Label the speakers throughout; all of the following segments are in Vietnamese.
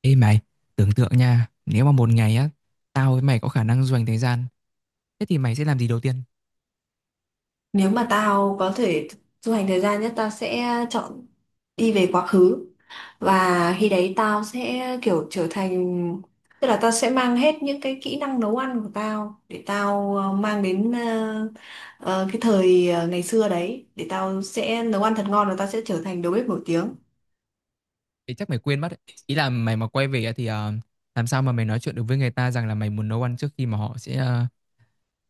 Speaker 1: Ê mày, tưởng tượng nha, nếu mà một ngày á, tao với mày có khả năng du hành thời gian, thế thì mày sẽ làm gì đầu tiên?
Speaker 2: Nếu mà tao có thể du hành thời gian nhất tao sẽ chọn đi về quá khứ, và khi đấy tao sẽ kiểu trở thành, tức là tao sẽ mang hết những cái kỹ năng nấu ăn của tao để tao mang đến cái thời ngày xưa đấy để tao sẽ nấu ăn thật ngon và tao sẽ trở thành đầu bếp nổi tiếng.
Speaker 1: Thì chắc mày quên mất ấy. Ý là mày mà quay về á thì làm sao mà mày nói chuyện được với người ta rằng là mày muốn nấu ăn trước khi mà họ sẽ...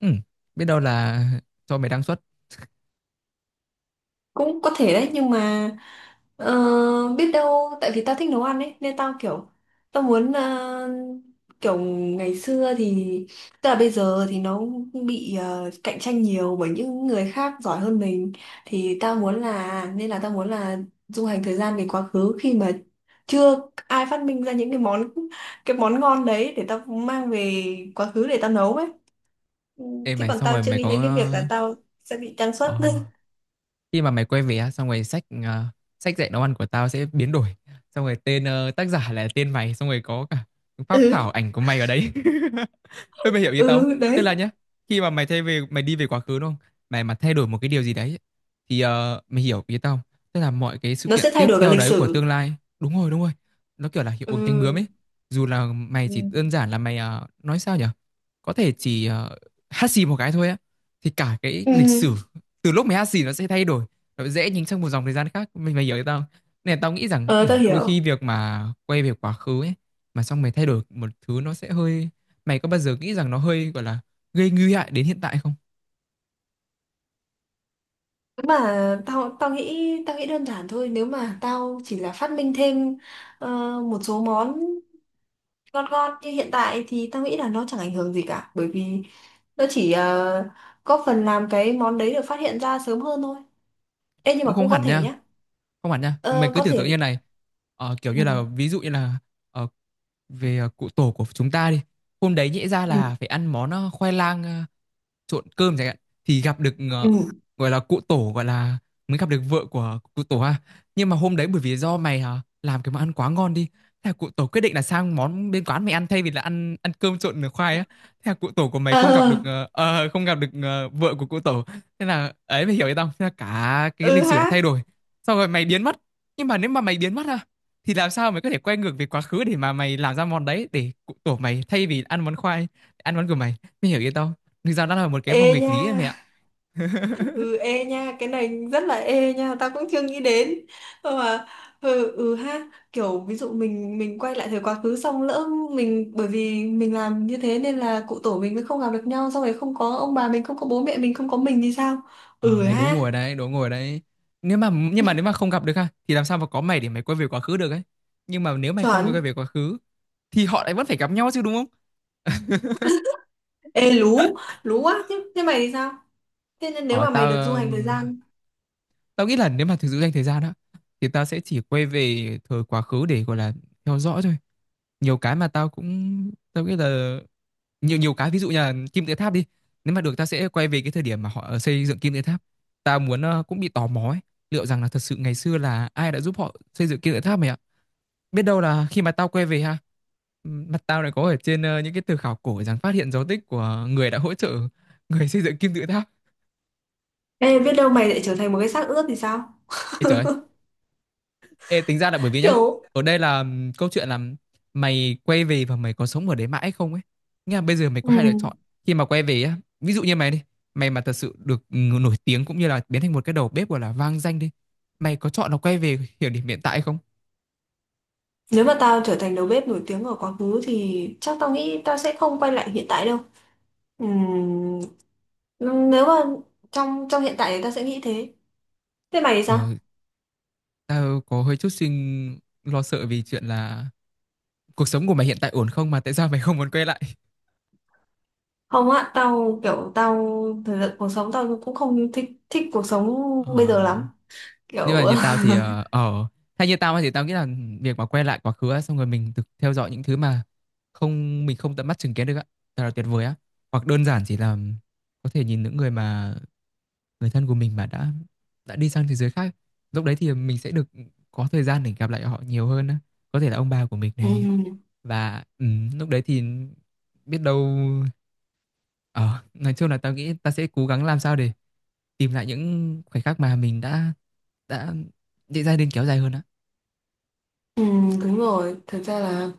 Speaker 1: ừ, biết đâu là cho mày đăng xuất.
Speaker 2: Cũng có thể đấy nhưng mà, Ờ, biết đâu tại vì tao thích nấu ăn ấy nên tao kiểu tao muốn kiểu ngày xưa thì, tức là bây giờ thì nó bị cạnh tranh nhiều bởi những người khác giỏi hơn mình, thì tao muốn là nên là tao muốn là du hành thời gian về quá khứ khi mà chưa ai phát minh ra những cái món ngon đấy để tao mang về quá khứ để tao nấu ấy. Ừ,
Speaker 1: Ê
Speaker 2: chứ
Speaker 1: mày,
Speaker 2: còn
Speaker 1: xong
Speaker 2: tao
Speaker 1: rồi
Speaker 2: chưa
Speaker 1: mày
Speaker 2: nghĩ
Speaker 1: có...
Speaker 2: đến cái việc là tao sẽ bị trang xuất.
Speaker 1: ờ, khi mà mày quay về á, xong rồi sách sách dạy nấu ăn của tao sẽ biến đổi, xong rồi tên tác giả là tên mày, xong rồi có cả phác
Speaker 2: Ừ.
Speaker 1: thảo ảnh của mày ở đấy. Ê, mày hiểu ý tao
Speaker 2: Ừ,
Speaker 1: không? Tức là
Speaker 2: đấy
Speaker 1: nhá, khi mà mày thay về, mày đi về quá khứ đúng không, mày mà thay đổi một cái điều gì đấy thì mày hiểu ý tao không? Tức là mọi cái sự
Speaker 2: nó
Speaker 1: kiện
Speaker 2: sẽ thay
Speaker 1: tiếp
Speaker 2: đổi cả
Speaker 1: theo
Speaker 2: lịch
Speaker 1: đấy của
Speaker 2: sử.
Speaker 1: tương lai, đúng rồi, đúng rồi, nó kiểu là hiệu ứng cánh bướm
Speaker 2: Ừ.
Speaker 1: ấy. Dù là mày
Speaker 2: Ừ.
Speaker 1: chỉ đơn giản là mày nói sao nhở, có thể chỉ hát xì một cái thôi á thì cả cái lịch
Speaker 2: Ừ.
Speaker 1: sử từ lúc mày hát xì nó sẽ thay đổi, nó dễ nhính sang một dòng thời gian khác, mình mày hiểu tao không? Nên là tao nghĩ rằng
Speaker 2: Ờ, tao
Speaker 1: đôi
Speaker 2: hiểu.
Speaker 1: khi việc mà quay về quá khứ ấy mà xong mày thay đổi một thứ nó sẽ hơi, mày có bao giờ nghĩ rằng nó hơi gọi là gây nguy hại đến hiện tại không?
Speaker 2: Nếu mà tao tao nghĩ đơn giản thôi, nếu mà tao chỉ là phát minh thêm ờ, một số món ngon ngon như hiện tại thì tao nghĩ là nó chẳng ảnh hưởng gì cả, bởi vì nó chỉ có phần làm cái món đấy được phát hiện ra sớm hơn thôi. Ê, nhưng
Speaker 1: Cũng
Speaker 2: mà
Speaker 1: không
Speaker 2: cũng có
Speaker 1: hẳn
Speaker 2: thể
Speaker 1: nha,
Speaker 2: nhá.
Speaker 1: không hẳn nha, mày
Speaker 2: Ờ,
Speaker 1: cứ
Speaker 2: có
Speaker 1: tưởng tượng như
Speaker 2: thể.
Speaker 1: này. Ờ, kiểu
Speaker 2: Ừ.
Speaker 1: như là ví dụ như là ờ, về cụ tổ của chúng ta đi, hôm đấy nhẽ ra
Speaker 2: Ừ.
Speaker 1: là phải ăn món khoai lang trộn cơm chẳng hạn, thì gặp được
Speaker 2: Ừ.
Speaker 1: gọi là cụ tổ, gọi là mới gặp được vợ của cụ tổ ha. Nhưng mà hôm đấy bởi vì do mày làm cái món ăn quá ngon đi, thế là cụ tổ quyết định là sang món bên quán mày ăn thay vì là ăn ăn cơm trộn khoai á, thế là cụ tổ của mày không gặp
Speaker 2: Ờ.
Speaker 1: được không gặp được vợ của cụ tổ. Thế là ấy, mày hiểu ý tao không? Thế là cả cái
Speaker 2: Ừ
Speaker 1: lịch sử đã
Speaker 2: ha.
Speaker 1: thay đổi, xong rồi mày biến mất. Nhưng mà nếu mà mày biến mất ha thì làm sao mày có thể quay ngược về quá khứ để mà mày làm ra món đấy để cụ tổ mày thay vì ăn món khoai ăn món của mày, mày hiểu ý tao không? Thực ra đã là một cái
Speaker 2: Ê
Speaker 1: vòng nghịch
Speaker 2: nha.
Speaker 1: lý em ạ.
Speaker 2: Ừ, ê nha, cái này rất là, ê nha, tao cũng chưa nghĩ đến. Ờ mà, ừ, ừ ha, kiểu ví dụ mình quay lại thời quá khứ, xong lỡ mình bởi vì mình làm như thế nên là cụ tổ mình mới không gặp được nhau, xong rồi không có ông bà mình, không có bố mẹ mình, không có mình thì sao.
Speaker 1: Ờ
Speaker 2: Ừ
Speaker 1: Đấy, đố
Speaker 2: ha.
Speaker 1: ngồi ở đấy, đố ngồi ở đấy. Nếu mà, nhưng mà nếu mà không gặp được ha thì làm sao mà có mày để mày quay về quá khứ được ấy. Nhưng mà nếu mày không
Speaker 2: Chuẩn.
Speaker 1: quay về quá khứ thì họ lại vẫn phải gặp nhau chứ đúng không?
Speaker 2: Ê, lú. Lú quá. Chứ thế mày thì sao? Thế nên nếu
Speaker 1: ờ
Speaker 2: mà mày
Speaker 1: tao
Speaker 2: được du hành thời
Speaker 1: ừm,
Speaker 2: gian.
Speaker 1: tao nghĩ là nếu mà thực sự dành thời gian đó thì tao sẽ chỉ quay về thời quá khứ để gọi là theo dõi thôi. Nhiều cái mà tao cũng tao nghĩ là, nhiều nhiều cái ví dụ như là kim tự tháp đi, nếu mà được tao sẽ quay về cái thời điểm mà họ xây dựng kim tự tháp. Tao muốn cũng bị tò mò ấy, liệu rằng là thật sự ngày xưa là ai đã giúp họ xây dựng kim tự tháp mày ạ. Biết đâu là khi mà tao quay về ha, mặt tao lại có ở trên những cái từ khảo cổ rằng phát hiện dấu tích của người đã hỗ trợ người xây dựng kim tự tháp.
Speaker 2: Ê, biết đâu mày lại trở thành một cái xác ướp thì sao?
Speaker 1: Ê trời! Ê, tính ra là bởi vì nhá,
Speaker 2: Kiểu.
Speaker 1: ở đây là câu chuyện là mày quay về và mày có sống ở đấy mãi không ấy, nghĩa là bây giờ mày có hai lựa
Speaker 2: Ừ,
Speaker 1: chọn. Khi mà quay về á ví dụ như mày đi, mày mà thật sự được nổi tiếng cũng như là biến thành một cái đầu bếp gọi là vang danh đi, mày có chọn là quay về hiểu điểm hiện tại không?
Speaker 2: nếu mà tao trở thành đầu bếp nổi tiếng ở quá khứ thì chắc tao nghĩ tao sẽ không quay lại hiện tại đâu. Ừm, nếu mà trong trong hiện tại thì tao sẽ nghĩ thế. Thế mày thì
Speaker 1: ờ
Speaker 2: sao?
Speaker 1: Tao có hơi chút suy lo sợ vì chuyện là cuộc sống của mày hiện tại ổn không, mà tại sao mày không muốn quay lại?
Speaker 2: Không á, tao kiểu tao thời gian cuộc sống tao cũng không thích thích cuộc sống bây giờ
Speaker 1: ờ
Speaker 2: lắm.
Speaker 1: nhưng mà
Speaker 2: Kiểu.
Speaker 1: như tao thì hay như tao thì tao nghĩ là việc mà quay lại quá khứ á, xong rồi mình được theo dõi những thứ mà không, mình không tận mắt chứng kiến được á, thật là tuyệt vời á. Hoặc đơn giản chỉ là có thể nhìn những người mà người thân của mình mà đã đi sang thế giới khác, lúc đấy thì mình sẽ được có thời gian để gặp lại họ nhiều hơn á, có thể là ông bà của mình này.
Speaker 2: ừm,
Speaker 1: Và lúc đấy thì biết đâu, ờ nói chung là tao nghĩ ta sẽ cố gắng làm sao để tìm lại những khoảnh khắc mà mình đã định ra nên kéo dài hơn á.
Speaker 2: Đúng rồi, thật ra là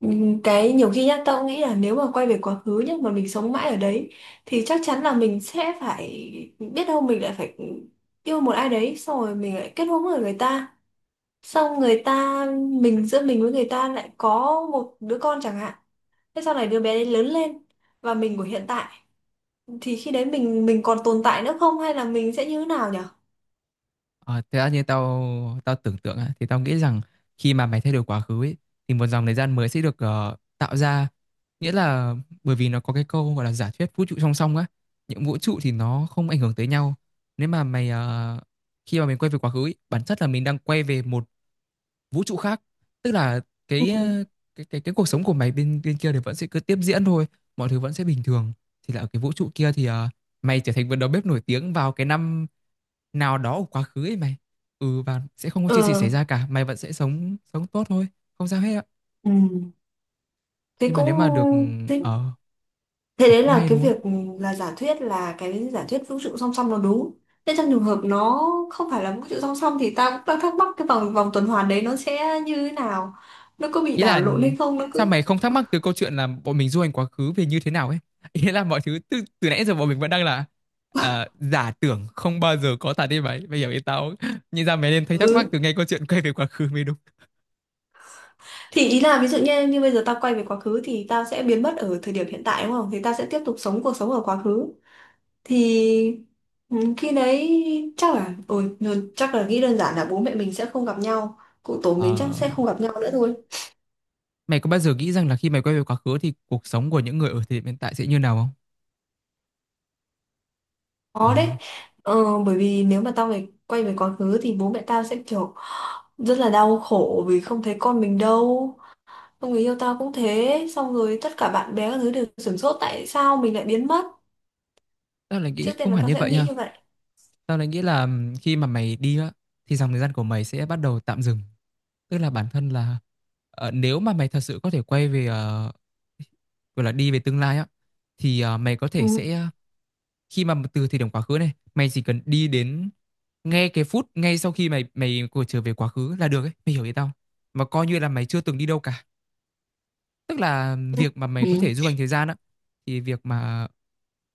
Speaker 2: cái nhiều khi nhá tao cũng nghĩ là nếu mà quay về quá khứ nhá mà mình sống mãi ở đấy thì chắc chắn là mình sẽ phải, biết đâu mình lại phải yêu một ai đấy, xong rồi mình lại kết hôn với người ta, xong người ta, mình giữa mình với người ta lại có một đứa con chẳng hạn. Thế sau này đứa bé đấy lớn lên và mình của hiện tại, thì khi đấy mình còn tồn tại nữa không hay là mình sẽ như thế nào nhỉ?
Speaker 1: Ờ, Thế ra như tao, tao tưởng tượng á thì tao nghĩ rằng khi mà mày thay đổi quá khứ ấy, thì một dòng thời gian mới sẽ được tạo ra, nghĩa là bởi vì nó có cái câu gọi là giả thuyết vũ trụ song song á, những vũ trụ thì nó không ảnh hưởng tới nhau. Nếu mà mày khi mà mình quay về quá khứ ấy, bản chất là mình đang quay về một vũ trụ khác, tức là
Speaker 2: Ừ.
Speaker 1: cái cái cuộc sống của mày bên bên kia thì vẫn sẽ cứ tiếp diễn thôi, mọi thứ vẫn sẽ bình thường. Thì là ở cái vũ trụ kia thì mày trở thành một đầu bếp nổi tiếng vào cái năm nào đó của quá khứ ấy mày. Và sẽ không có chuyện gì
Speaker 2: Ừ.
Speaker 1: xảy ra cả, mày vẫn sẽ sống sống tốt thôi, không sao hết ạ.
Speaker 2: Ừ. Thế
Speaker 1: Nhưng mà
Speaker 2: cũng,
Speaker 1: nếu mà được
Speaker 2: thế,
Speaker 1: ở,
Speaker 2: thế đấy
Speaker 1: cũng
Speaker 2: là
Speaker 1: hay
Speaker 2: cái
Speaker 1: đúng không?
Speaker 2: việc là giả thuyết là cái giả thuyết vũ trụ song song nó đúng. Thế trong trường hợp nó không phải là vũ trụ song song thì ta cũng đang thắc mắc cái vòng vòng tuần hoàn đấy nó sẽ như thế nào? Nó có bị
Speaker 1: Ý
Speaker 2: đảo
Speaker 1: là
Speaker 2: lộn hay không? Nó
Speaker 1: sao
Speaker 2: cứ.
Speaker 1: mày không thắc mắc từ câu chuyện là bọn mình du hành quá khứ về như thế nào ấy? Ý là mọi thứ từ nãy giờ bọn mình vẫn đang là giả tưởng không bao giờ có thật đi mày. Bây giờ ý tao không? Nhìn ra mày nên thấy thắc mắc
Speaker 2: Ừ.
Speaker 1: từ ngay câu chuyện quay về quá khứ mới đúng.
Speaker 2: Thì ý là ví dụ như như bây giờ tao quay về quá khứ thì tao sẽ biến mất ở thời điểm hiện tại đúng không? Thì tao sẽ tiếp tục sống cuộc sống ở quá khứ. Thì, ừ, khi đấy chắc là, ôi, chắc là nghĩ đơn giản là bố mẹ mình sẽ không gặp nhau, cụ tổ mình chắc
Speaker 1: Ờ,
Speaker 2: sẽ không gặp nhau nữa thôi.
Speaker 1: mày có bao giờ nghĩ rằng là khi mày quay về quá khứ thì cuộc sống của những người ở thời điểm hiện tại sẽ như nào không? Ờ,
Speaker 2: Khó đấy, bởi vì nếu mà tao này quay về quá khứ thì bố mẹ tao sẽ kiểu rất là đau khổ vì không thấy con mình đâu, xong người yêu tao cũng thế, xong rồi tất cả bạn bè các thứ đều sửng sốt tại sao mình lại biến mất.
Speaker 1: tao lại nghĩ
Speaker 2: Trước tiên
Speaker 1: không
Speaker 2: là
Speaker 1: hẳn
Speaker 2: tao
Speaker 1: như
Speaker 2: sẽ
Speaker 1: vậy
Speaker 2: nghĩ
Speaker 1: nha.
Speaker 2: như vậy.
Speaker 1: Tao lại nghĩ là khi mà mày đi á thì dòng thời gian của mày sẽ bắt đầu tạm dừng, tức là bản thân là nếu mà mày thật sự có thể quay về gọi là đi về tương lai á thì mày có
Speaker 2: Ừ.
Speaker 1: thể sẽ khi mà từ thời điểm quá khứ này mày chỉ cần đi đến ngay cái phút ngay sau khi mày mày của trở về quá khứ là được ấy, mày hiểu ý tao không? Mà coi như là mày chưa từng đi đâu cả, tức là việc mà mày
Speaker 2: Ừ.
Speaker 1: có thể du hành thời gian á, thì việc mà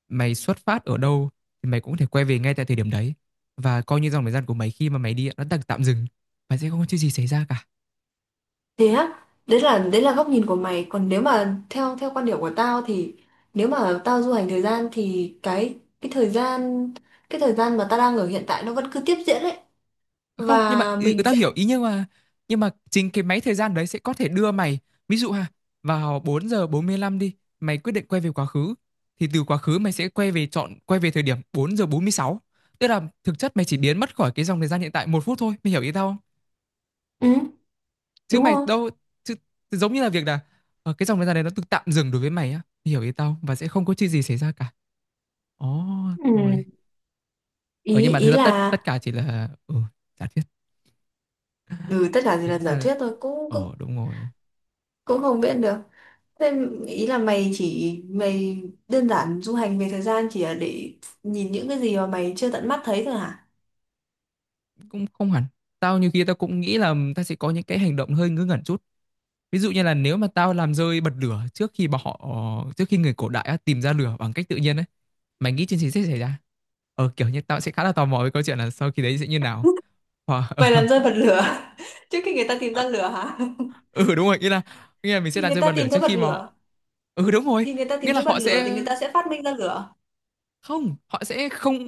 Speaker 1: mày xuất phát ở đâu thì mày cũng có thể quay về ngay tại thời điểm đấy, và coi như dòng thời gian của mày khi mà mày đi á, nó tạm tạm dừng và sẽ không có chuyện gì xảy ra cả.
Speaker 2: Thế á, đấy là góc nhìn của mày, còn nếu mà theo theo quan điểm của tao thì nếu mà tao du hành thời gian thì cái thời gian mà tao đang ở hiện tại nó vẫn cứ tiếp diễn đấy,
Speaker 1: Không, nhưng
Speaker 2: và
Speaker 1: mà
Speaker 2: mình
Speaker 1: tao
Speaker 2: sẽ,
Speaker 1: hiểu ý, nhưng mà chính cái máy thời gian đấy sẽ có thể đưa mày, ví dụ ha, vào 4:45 đi, mày quyết định quay về quá khứ, thì từ quá khứ mày sẽ quay về chọn quay về thời điểm 4:46, tức là thực chất mày chỉ biến mất khỏi cái dòng thời gian hiện tại một phút thôi, mày hiểu ý tao không?
Speaker 2: ừ,
Speaker 1: Chứ
Speaker 2: đúng
Speaker 1: mày
Speaker 2: không?
Speaker 1: đâu chứ, giống như là việc là cái dòng thời gian đấy nó tự tạm dừng đối với mày á, mày hiểu ý tao không? Và sẽ không có chuyện gì xảy ra cả. Ồ. Rồi.
Speaker 2: Ừ. ý
Speaker 1: Ờ nhưng mà thực
Speaker 2: ý
Speaker 1: ra
Speaker 2: là
Speaker 1: tất tất cả chỉ là, ừ, giả thuyết.
Speaker 2: ừ, tất cả chỉ
Speaker 1: Ý
Speaker 2: là giả
Speaker 1: là,
Speaker 2: thuyết thôi, cũng
Speaker 1: ờ,
Speaker 2: cũng
Speaker 1: đúng rồi.
Speaker 2: cũng không biết được. Thế ý là mày đơn giản du hành về thời gian chỉ là để nhìn những cái gì mà mày chưa tận mắt thấy thôi hả?
Speaker 1: Cũng không hẳn. Tao nhiều khi tao cũng nghĩ là tao sẽ có những cái hành động hơi ngớ ngẩn chút. Ví dụ như là nếu mà tao làm rơi bật lửa trước khi bọn họ, trước khi người cổ đại á, tìm ra lửa bằng cách tự nhiên ấy. Mày nghĩ chuyện gì sẽ xảy ra? Kiểu như tao sẽ khá là tò mò với câu chuyện là sau khi đấy sẽ như nào. Hoặc
Speaker 2: Mày làm rơi bật lửa. Trước khi người ta tìm ra lửa hả?
Speaker 1: ừ, đúng rồi, nghĩa là, nghĩa là mình sẽ
Speaker 2: Thì
Speaker 1: làm
Speaker 2: người
Speaker 1: rơi
Speaker 2: ta
Speaker 1: bật lửa
Speaker 2: tìm
Speaker 1: trước
Speaker 2: thấy bật
Speaker 1: khi mà họ.
Speaker 2: lửa
Speaker 1: Ừ, đúng rồi, nghĩa là họ sẽ,
Speaker 2: thì người ta sẽ phát minh ra lửa.
Speaker 1: không, họ sẽ không,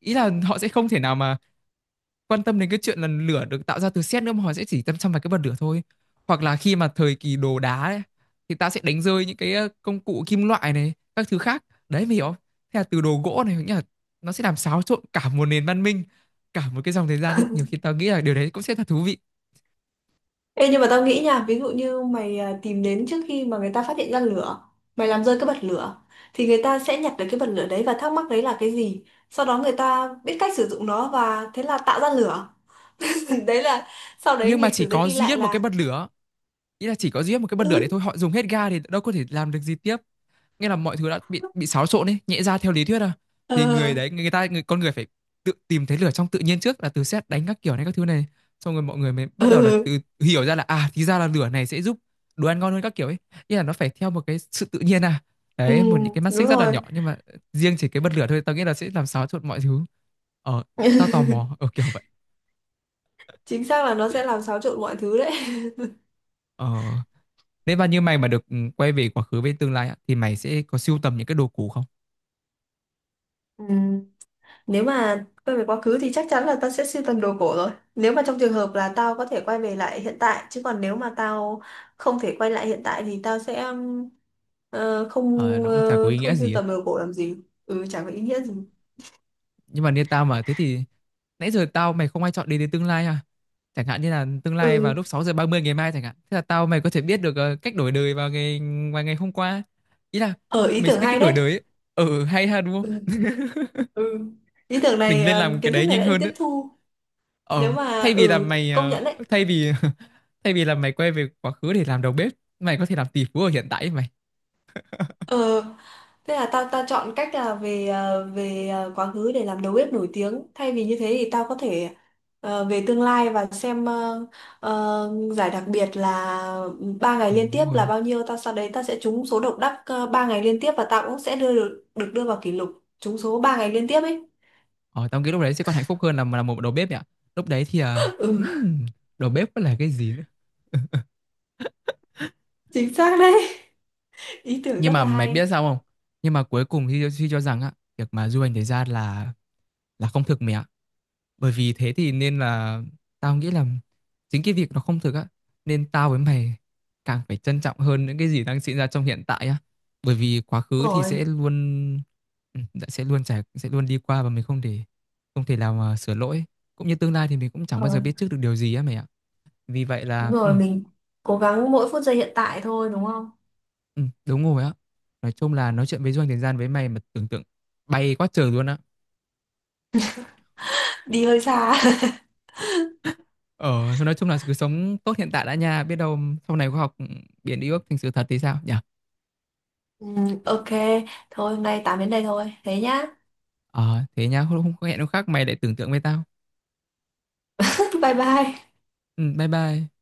Speaker 1: ý là họ sẽ không thể nào mà quan tâm đến cái chuyện là lửa được tạo ra từ sét nữa, mà họ sẽ chỉ tâm chăm vào cái bật lửa thôi. Hoặc là khi mà thời kỳ đồ đá ấy, thì ta sẽ đánh rơi những cái, công cụ kim loại này các thứ khác đấy, mày hiểu không? Thế là từ đồ gỗ này, nghĩa là nó sẽ làm xáo trộn cả một nền văn minh, cả một cái dòng thời gian ấy. Nhiều khi tao nghĩ là điều đấy cũng sẽ thật thú vị.
Speaker 2: Ê, nhưng mà tao nghĩ nha, ví dụ như mày à, tìm đến trước khi mà người ta phát hiện ra lửa, mày làm rơi cái bật lửa thì người ta sẽ nhặt được cái bật lửa đấy và thắc mắc đấy là cái gì, sau đó người ta biết cách sử dụng nó và thế là tạo ra lửa. Đấy là, sau đấy
Speaker 1: Nhưng mà
Speaker 2: lịch
Speaker 1: chỉ
Speaker 2: sử sẽ
Speaker 1: có
Speaker 2: ghi
Speaker 1: duy
Speaker 2: lại
Speaker 1: nhất một cái
Speaker 2: là,
Speaker 1: bật lửa, ý là chỉ có duy nhất một cái bật lửa
Speaker 2: ừ,
Speaker 1: đấy thôi, họ dùng hết ga thì đâu có thể làm được gì tiếp. Nghĩa là mọi thứ đã bị xáo trộn ấy, nhẽ ra theo lý thuyết à
Speaker 2: ờ,
Speaker 1: thì người đấy, người ta, người, con người phải tự tìm thấy lửa trong tự nhiên trước, là từ sét đánh các kiểu này các thứ này, xong rồi mọi người mới bắt đầu là
Speaker 2: ừ,
Speaker 1: tự hiểu ra là à, thì ra là lửa này sẽ giúp đồ ăn ngon hơn các kiểu ấy. Nghĩa là nó phải theo một cái sự tự nhiên à.
Speaker 2: ừ
Speaker 1: Đấy, một những cái mắt
Speaker 2: đúng
Speaker 1: xích rất là
Speaker 2: rồi.
Speaker 1: nhỏ nhưng mà riêng chỉ cái bật lửa thôi tao nghĩ là sẽ làm xáo trộn mọi thứ. Ờ, tao tò mò ở kiểu vậy.
Speaker 2: Chính xác là nó sẽ làm xáo trộn mọi thứ đấy.
Speaker 1: ờ Nếu mà như mày mà được, ừ, quay về quá khứ với tương lai á, thì mày sẽ có sưu tầm những cái đồ cũ không?
Speaker 2: Ừ. Nếu mà quay về quá khứ thì chắc chắn là tao sẽ sưu tầm đồ cổ rồi. Nếu mà trong trường hợp là tao có thể quay về lại hiện tại, chứ còn nếu mà tao không thể quay lại hiện tại thì tao sẽ ờ, không
Speaker 1: Ờ, nó cũng chả có
Speaker 2: ờ,
Speaker 1: ý nghĩa
Speaker 2: không sưu
Speaker 1: gì ấy.
Speaker 2: tầm đồ cổ làm gì. Ừ, chẳng có ý nghĩa gì.
Speaker 1: Nhưng mà như tao mà thế thì nãy giờ tao mày không ai chọn đến đến tương lai à? Chẳng hạn như là tương lai vào
Speaker 2: Ừ,
Speaker 1: lúc 6 giờ 30 ngày mai chẳng hạn, thế là tao mày có thể biết được, ờ, cách đổi đời vào ngày, vào ngày hôm qua. Ý là
Speaker 2: ở, ý
Speaker 1: mình sẽ
Speaker 2: tưởng
Speaker 1: biết
Speaker 2: hay
Speaker 1: cách đổi
Speaker 2: đấy.
Speaker 1: đời ấy. Ừ, hay ha, đúng
Speaker 2: Ừ.
Speaker 1: không?
Speaker 2: Ừ. Ý tưởng
Speaker 1: Mình
Speaker 2: này,
Speaker 1: nên làm cái
Speaker 2: kiến thức
Speaker 1: đấy
Speaker 2: này
Speaker 1: nhanh
Speaker 2: đã được
Speaker 1: hơn đấy.
Speaker 2: tiếp thu. Nếu
Speaker 1: Ờ
Speaker 2: mà
Speaker 1: Thay vì là mày,
Speaker 2: công
Speaker 1: ờ,
Speaker 2: nhận đấy.
Speaker 1: thay vì thay vì là mày quay về quá khứ để làm đầu bếp, mày có thể làm tỷ phú ở hiện tại ấy mày.
Speaker 2: Ờ, thế là tao tao chọn cách là về quá khứ để làm đầu bếp nổi tiếng. Thay vì như thế thì tao có thể về tương lai và xem giải đặc biệt là 3 ngày
Speaker 1: Ừ,
Speaker 2: liên tiếp
Speaker 1: đúng
Speaker 2: là
Speaker 1: rồi.
Speaker 2: bao nhiêu. Tao sau đấy tao sẽ trúng số độc đắc 3 ngày liên tiếp và tao cũng sẽ được đưa vào kỷ lục trúng số 3 ngày liên tiếp ấy.
Speaker 1: Ờ Tao nghĩ lúc đấy sẽ còn hạnh phúc hơn là một đầu bếp ấy ạ. Lúc đấy thì à,
Speaker 2: Ừ,
Speaker 1: ừm, đầu bếp có là cái gì.
Speaker 2: chính xác đấy. Ý tưởng
Speaker 1: Nhưng
Speaker 2: rất
Speaker 1: mà
Speaker 2: là
Speaker 1: mày
Speaker 2: hay.
Speaker 1: biết sao không, nhưng mà cuối cùng thì suy cho rằng á, việc mà du hành thế gian là không thực mẹ ạ. Bởi vì thế thì nên là tao nghĩ là chính cái việc nó không thực á, nên tao với mày càng phải trân trọng hơn những cái gì đang diễn ra trong hiện tại á. Bởi vì quá
Speaker 2: Đúng
Speaker 1: khứ thì
Speaker 2: rồi,
Speaker 1: sẽ luôn, ừ, sẽ luôn trải, sẽ luôn đi qua và mình không thể, không thể nào mà sửa lỗi, cũng như tương lai thì mình cũng chẳng
Speaker 2: đúng
Speaker 1: bao giờ
Speaker 2: rồi,
Speaker 1: biết trước được điều gì á mày ạ. Vì vậy là,
Speaker 2: rồi mình cố gắng mỗi phút giây hiện tại thôi đúng không?
Speaker 1: ừ, đúng rồi á. Nói chung là nói chuyện với du hành thời gian với mày mà tưởng tượng bay quá trời luôn á.
Speaker 2: Đi hơi xa.
Speaker 1: Ờ, thôi nói chung là cứ sống tốt hiện tại đã nha, biết đâu sau này khoa học biến đi ước thành sự thật thì sao nhỉ?
Speaker 2: Ừ, ok, thôi hôm nay tạm đến đây thôi. Thế nhá.
Speaker 1: Ờ, thế nha, hôm, hôm hẹn hôm khác mày lại tưởng tượng với tao.
Speaker 2: Bye bye.
Speaker 1: Ừ, bye bye.